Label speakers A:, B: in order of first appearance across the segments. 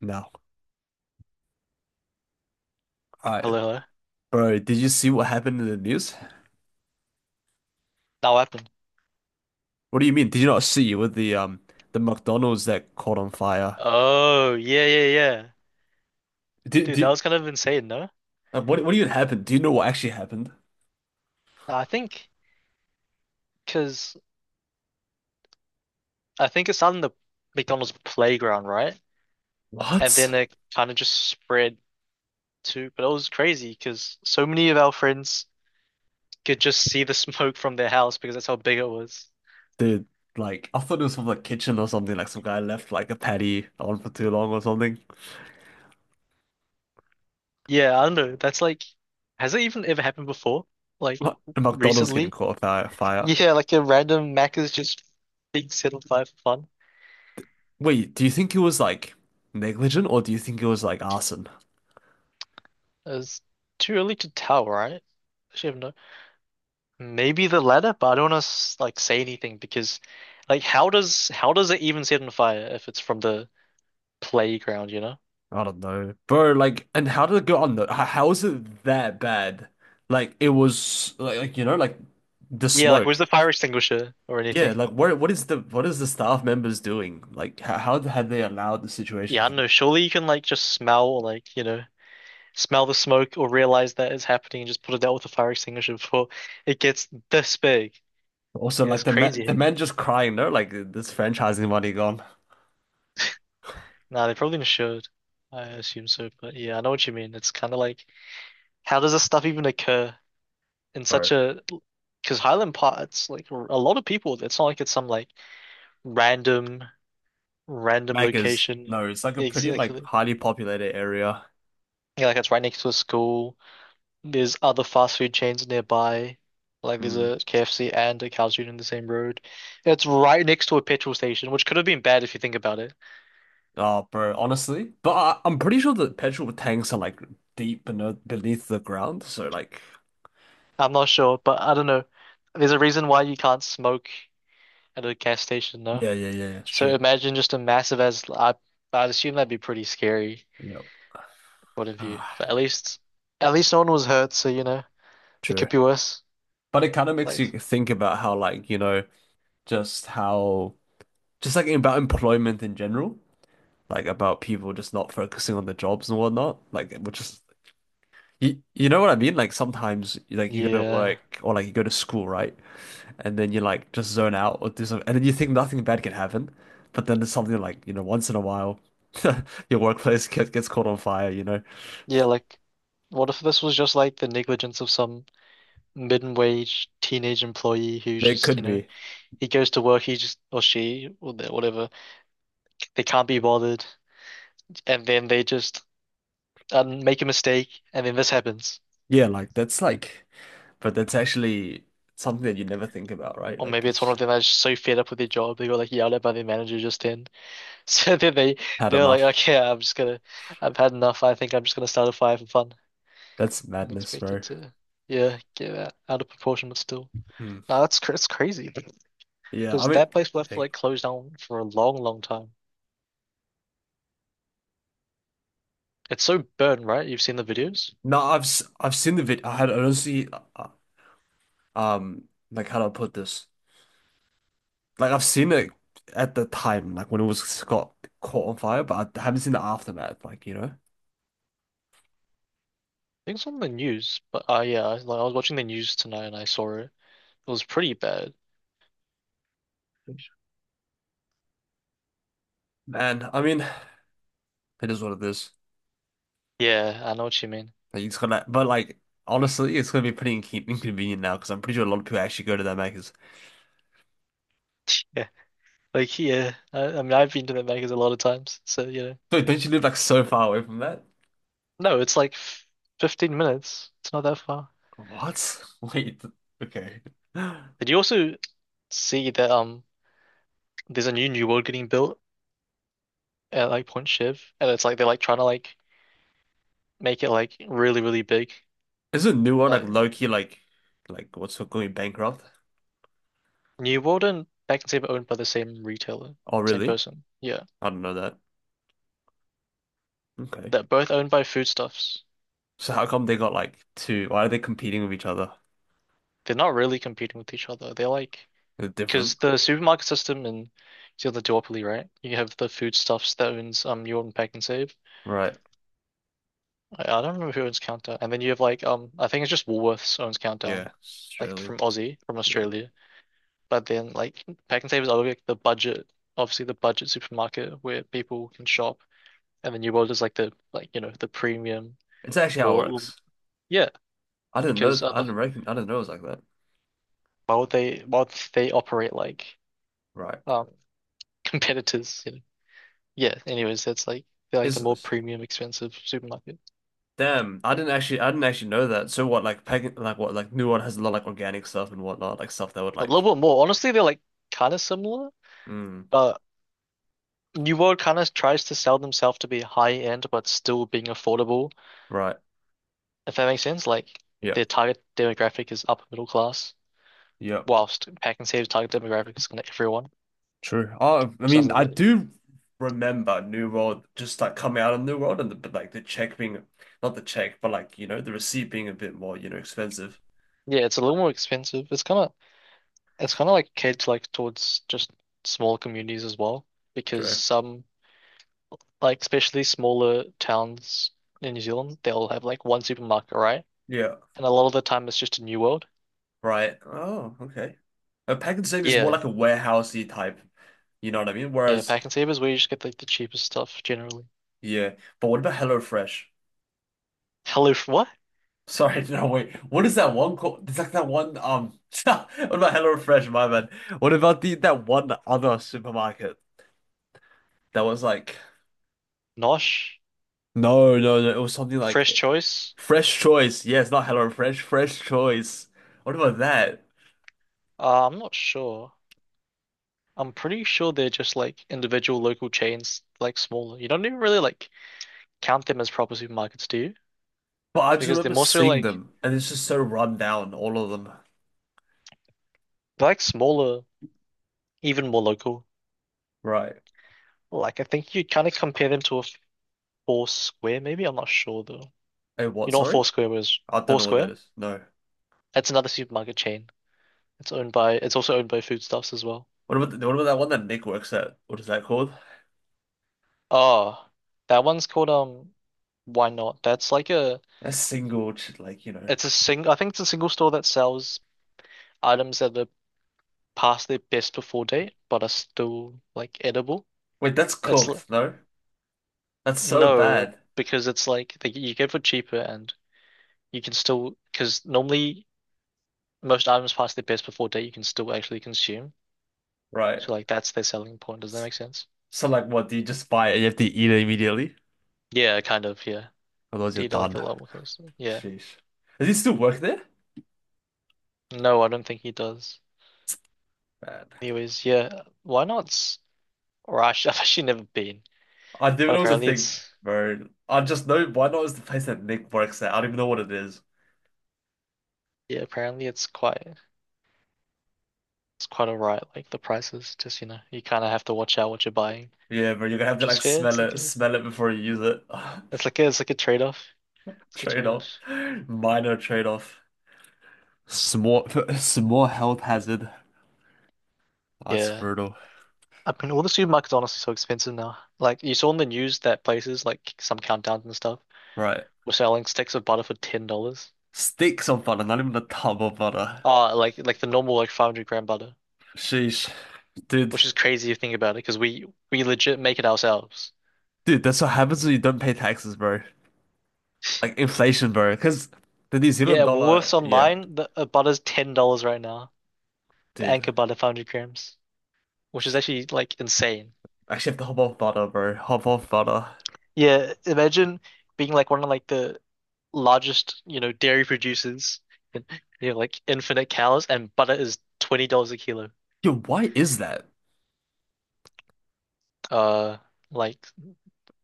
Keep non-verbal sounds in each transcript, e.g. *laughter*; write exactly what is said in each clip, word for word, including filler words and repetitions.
A: No. All right.
B: Hello, hello.
A: Bro, did you see what happened in the news?
B: That happened.
A: What do you mean? Did you not see with the um the McDonald's that caught on fire?
B: Oh, yeah, yeah, yeah.
A: Did,
B: Dude, that
A: did
B: was kind of insane, no?
A: uh, what what even happened? Do you know what actually happened?
B: I think because I think it started in the McDonald's playground, right? And then
A: What?
B: it kind of just spread to, but it was crazy because so many of our friends could just see the *laughs* smoke from their house because that's how big it was.
A: Dude, like I thought it was from the kitchen or something, like some guy left like a patty on for too long or something.
B: Yeah, I don't know. That's like, has it even ever happened before? Like
A: What? The McDonald's getting
B: recently?
A: caught on fire fire.
B: Yeah, like a random Mac is just being set on fire for fun.
A: Wait, do you think it was like negligent or do you think it was like arson?
B: It's too early to tell, right? I should have known. Maybe the latter, but I don't want to like say anything because, like, how does how does it even set on fire if it's from the playground, you know?
A: I don't know, bro. Like, and how did it go on though? How, how is it that bad? Like, it was like, like you know, like the
B: Yeah, like, where's
A: smoke.
B: the fire extinguisher or
A: Yeah,
B: anything?
A: like what what is the what is the staff members doing? Like, how, how had they allowed the situation
B: Yeah, I don't
A: to?
B: know. Surely you can like just smell or like you know smell the smoke or realize that it's happening and just put it out with a fire extinguisher *laughs* before it gets this big.
A: Also,
B: Yeah, it's
A: like the man, the
B: crazy.
A: man just crying. No, like this franchising money gone,
B: Nah, they probably should. I assume so, but yeah, I know what you mean. It's kind of like how does this stuff even occur in such
A: bro.
B: a. Because Highland Park's like r- a lot of people. It's not like it's some like random, random
A: Macca's,
B: location.
A: no, it's like a pretty like
B: Exactly.
A: highly populated area.
B: Yeah, like it's right next to a school. There's other fast food chains nearby. Like there's
A: Hmm.
B: a K F C and a Carl's Junior in the same road. It's right next to a petrol station, which could have been bad if you think about it.
A: Oh, bro, honestly, but I, I'm pretty sure the petrol tanks are like deep beneath beneath the ground. So like,
B: I'm not sure, but I don't know. There's a reason why you can't smoke at a gas station, no?
A: yeah, yeah, yeah, yeah, it's
B: So
A: true.
B: imagine just a massive as I, I assume that'd be pretty scary.
A: Yep.
B: Point of view.
A: Ah,
B: But at least, at least no one was hurt, so you know, it
A: true.
B: could be worse.
A: But it kind of makes
B: Like,
A: you think about how, like, you know, just how, just like about employment in general, like about people just not focusing on the jobs and whatnot, like, which is, you, you know what I mean? Like, sometimes, like, you go to
B: yeah,
A: work or like you go to school, right? And then you like just zone out or do something, and then you think nothing bad can happen. But then there's something like, you know, once in a while, *laughs* your workplace gets, gets caught on fire, you know?
B: yeah, like, what if this was just like the negligence of some mid-wage teenage employee who
A: It
B: just,
A: could
B: you know,
A: be.
B: he goes to work, he just, or she, or the- whatever, they can't be bothered, and then they just um, make a mistake, and then this happens.
A: Yeah, like, that's like, But that's actually something that you never think about, right?
B: Or
A: Like
B: maybe it's one
A: it's
B: of them that's so fed up with their job, they got like yelled at by their manager just then. *laughs* So then they,
A: had
B: they're like,
A: enough.
B: okay, I'm just gonna, I've had enough. I think I'm just gonna start a fire for fun.
A: That's
B: And
A: madness,
B: expected
A: bro.
B: to, yeah, get out, out of proportion, but still.
A: Hmm.
B: No, that's cr- that's crazy because
A: Yeah, I mean,
B: that place will have to
A: hey,
B: like close down for a long, long time. It's so burnt, right? You've seen the videos.
A: no, I've s- I've seen the video. I had honestly, uh, um, like how do I put this? Like I've seen it at the time, like when it was got caught on fire, but I haven't seen the aftermath. Like you know,
B: I think it's on the news, but uh, yeah, I- like I was watching the news tonight and I saw it. It was pretty bad.
A: and I mean, it is what it is.
B: Yeah, I know what you mean.
A: Like it's gonna, but like honestly, it's gonna be pretty incon- inconvenient now because I'm pretty sure a lot of people actually go to that Macca's.
B: Yeah, like yeah, I, I mean I've been to the Vegas a lot of times, so you know.
A: So don't you live like so far away from that?
B: No, it's like f fifteen minutes. It's not that far.
A: What? *laughs* Wait. Okay.
B: Did you also see that um there's a new New World getting built at like Point Shiv, and it's like they're like trying to like make it like really really big.
A: Isn't New One like
B: Like
A: low-key like like what's it going bankrupt?
B: New World and Back and Saber owned by the same retailer,
A: Oh
B: same
A: really?
B: person. Yeah,
A: I don't know that. Okay.
B: they're both owned by Foodstuffs.
A: So how come they got like two? Why are they competing with each other?
B: They're not really competing with each other. They're like
A: They're different.
B: because the supermarket system in it's the duopoly, right? You have the Foodstuffs that owns um New World and Back and Save.
A: Right.
B: I, I don't remember who owns Countdown, and then you have like um I think it's just Woolworths owns Countdown,
A: Yeah.
B: like
A: Australian.
B: from Aussie from
A: Yeah.
B: Australia. But then like Pack and Save is always like the budget, obviously the budget supermarket where people can shop, and the New World is like the like you know the premium
A: It's actually how it
B: more
A: works.
B: yeah
A: I didn't
B: because
A: know I
B: other
A: didn't reckon I didn't know it was like that.
B: why would they why would they operate like
A: Right.
B: um *laughs* competitors you know yeah anyways that's like they're like the
A: Is
B: more premium expensive supermarket
A: damn, I didn't actually I didn't actually know that. So what like pagan like what like New One has a lot like organic stuff and whatnot, like stuff that would
B: a
A: like
B: little bit more honestly they're like kind of similar
A: mm,
B: but New World kind of tries to sell themselves to be high end but still being affordable
A: right.
B: if that makes sense like
A: Yeah.
B: their target demographic is upper middle class
A: Yeah.
B: whilst pack and save target demographics on everyone.
A: True. Oh, I
B: So that's
A: mean,
B: the
A: I
B: really
A: do remember New World just like coming out of New World and the, but like the check being not the check, but like you know the receipt being a bit more you know expensive.
B: yeah, it's a little more expensive. It's kind of it's kind of like catered to, like towards just smaller communities as well because
A: True.
B: some like especially smaller towns in New Zealand they'll have like one supermarket right,
A: Yeah.
B: and a lot of the time it's just a New World.
A: Right. Oh, okay. A pack and save is more
B: Yeah,
A: like a warehousey type. You know what I mean?
B: yeah,
A: Whereas,
B: pack and save is where you just get like the cheapest stuff generally.
A: yeah. But what about HelloFresh?
B: Hello, what?
A: *laughs* Sorry, no wait. What is that one called? It's like that one. Um, *laughs* what about HelloFresh, my man? What about the that one other supermarket that was like?
B: Nosh,
A: No, no, no. It was something
B: Fresh
A: like
B: Choice.
A: Fresh Choice. Yes, not Hello Fresh, Fresh Choice. What about that?
B: Uh, I'm not sure. I'm pretty sure they're just like individual local chains, like smaller. You don't even really like count them as proper supermarkets, do you?
A: But I just
B: Because they're
A: remember
B: more so
A: seeing
B: like
A: them, and it's just so run down, all of them.
B: they're like smaller, even more local.
A: Right.
B: Like I think you kind of compare them to a Four Square, maybe. I'm not sure though.
A: Hey, what?
B: You know what
A: Sorry?
B: Four Square was?
A: I don't
B: Four
A: know what that
B: Square?
A: is. No.
B: That's another supermarket chain. It's owned by it's also owned by Foodstuffs as well.
A: What about the, what about that one that Nick works at? What is that called?
B: Oh, that one's called um Why Not? That's like a
A: That's single, ch- like you know.
B: it's a sing I think it's a single store that sells items that are past their best before date but are still like edible.
A: Wait, that's
B: It's l-
A: cooked. No, that's so
B: No,
A: bad.
B: because it's like they, you get for cheaper and you can still, because normally most items past their best before date you can still actually consume.
A: Right.
B: So like that's their selling point. Does that make sense?
A: So like, what do you just buy it? And you have to eat it immediately,
B: Yeah, kind of, yeah.
A: otherwise you're
B: Did like a
A: done.
B: lot more closely. Yeah.
A: Sheesh. Does he still work there?
B: No, I don't think he does.
A: Man.
B: Anyways, yeah. Why not? s- Or I should, *laughs* I've actually never been.
A: I didn't
B: But
A: know it was a
B: apparently
A: thing,
B: it's
A: bro. I just know why not is the place that Nick works at. I don't even know what it is.
B: yeah, apparently it's quite it's quite alright. Like the prices, just you know, you kinda have to watch out what you're buying.
A: Yeah, bro, you're gonna have to
B: Which is
A: like
B: fair.
A: smell
B: It's like
A: it,
B: a
A: smell it before you use it.
B: it's
A: *laughs*
B: like a it's like a trade-off. It's like a
A: Trade-off.
B: trade-off.
A: Minor trade-off. Small *laughs* small health hazard. That's
B: Yeah.
A: brutal.
B: I mean, all the supermarkets are honestly so expensive now. Like you saw in the news that places like some countdowns and stuff
A: Right.
B: were selling sticks of butter for ten dollars.
A: Sticks of butter, not even a tub of butter.
B: Uh like like the normal like five hundred gram butter,
A: Sheesh. Dude.
B: which is crazy if you think about it, because we we legit make it ourselves.
A: Dude, that's what happens when you don't pay taxes, bro. Like inflation, bro. Cause the New Zealand
B: Yeah, Woolworths
A: dollar, yeah,
B: online, the uh, butter's ten dollars right now. The Anchor
A: dude.
B: butter five hundred grams, which is actually like insane.
A: Actually I have to hop off butter, bro. Hop off butter.
B: Yeah, imagine being like one of like the largest, you know, dairy producers *laughs* and you know like infinite cows and butter is twenty dollars a kilo.
A: Yo, why is that?
B: Uh, like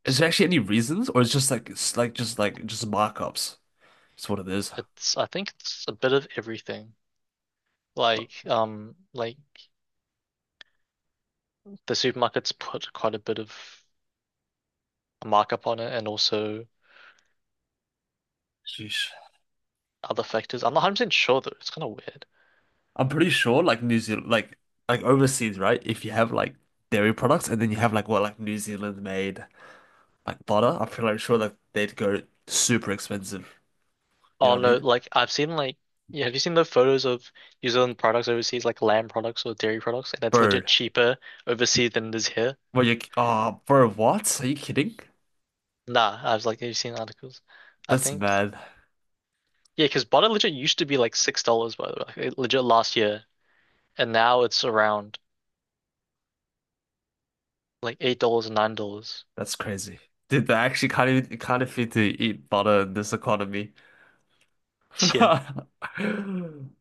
A: Is
B: it's,
A: there actually any reasons, or it's just like it's like just like just markups? That's what it is.
B: it's I think it's a bit of everything. Like um, like the supermarkets put quite a bit of a markup on it, and also
A: Sheesh.
B: other factors. I'm not one hundred percent sure though. It's kind of weird.
A: I'm pretty sure like New Zealand like like overseas, right? If you have like dairy products and then you have like what like New Zealand made like butter, I'm pretty sure like they'd go super expensive. You know
B: Oh
A: what I
B: no,
A: mean?
B: like I've seen like yeah, have you seen the photos of New Zealand products overseas, like lamb products or dairy products, and it's
A: Bro.
B: legit cheaper overseas than it is here?
A: Well you oh bro, what? Are you kidding?
B: Nah, I was like, have you seen articles? I
A: That's
B: think
A: mad.
B: yeah, because butter legit used to be like six dollars by the way, like, legit last year, and now it's around. Like eight dollars and nine dollars.
A: That's crazy. Dude, they actually can't even can't afford to eat butter in this economy. *laughs*
B: *laughs* Yeah.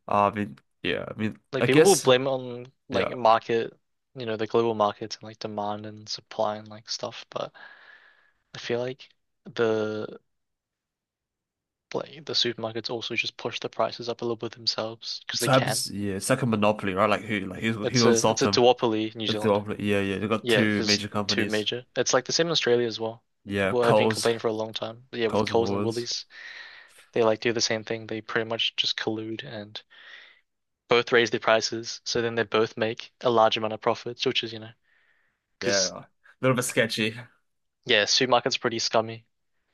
A: I mean, yeah, I mean
B: Like
A: I
B: people will
A: guess
B: blame it on
A: yeah.
B: like market, you know, the global markets and like demand and supply and like stuff, but I feel like the like the supermarkets also just push the prices up a little bit themselves because they
A: So
B: can.
A: happens, yeah, it's like a monopoly, right? Like who, like who, who
B: It's
A: will
B: a
A: stop
B: it's a
A: them?
B: duopoly in New
A: It's the
B: Zealand.
A: monopoly. Yeah, yeah. They've got
B: Yeah,
A: two
B: because
A: major
B: two
A: companies.
B: major. It's like the same in Australia as well.
A: Yeah,
B: People have been
A: Coles,
B: complaining for a long time. But yeah, with
A: Coles and
B: Coles and
A: Woolworths.
B: Woolies, they like do the same thing. They pretty much just collude and both raise their prices, so then they both make a large amount of profits, which is, you know, because
A: Yeah, a little bit sketchy.
B: yeah, supermarket's are pretty scummy.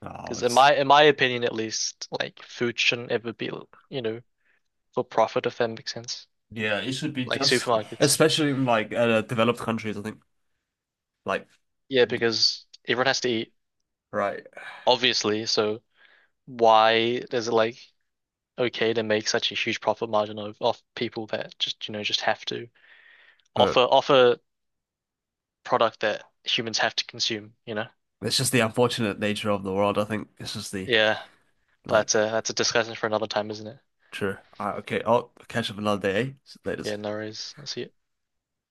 A: Oh,
B: Because in
A: it's
B: my in my opinion, at least, like food shouldn't ever be, you know, for profit if that makes sense.
A: yeah. It should be
B: Like
A: just,
B: supermarkets.
A: especially in like uh, developed countries. I think like
B: Yeah, because everyone has to eat,
A: right,
B: obviously. So why is it like okay to make such a huge profit margin of off people that just you know just have to
A: but
B: offer offer product that humans have to consume? You know?
A: it's just the unfortunate nature of the world. I think it's just the
B: Yeah, but that's
A: like
B: a that's a discussion for another time, isn't it?
A: true. All right, okay, I'll catch up another day. Eh? Later.
B: Yeah, no worries. I'll see you.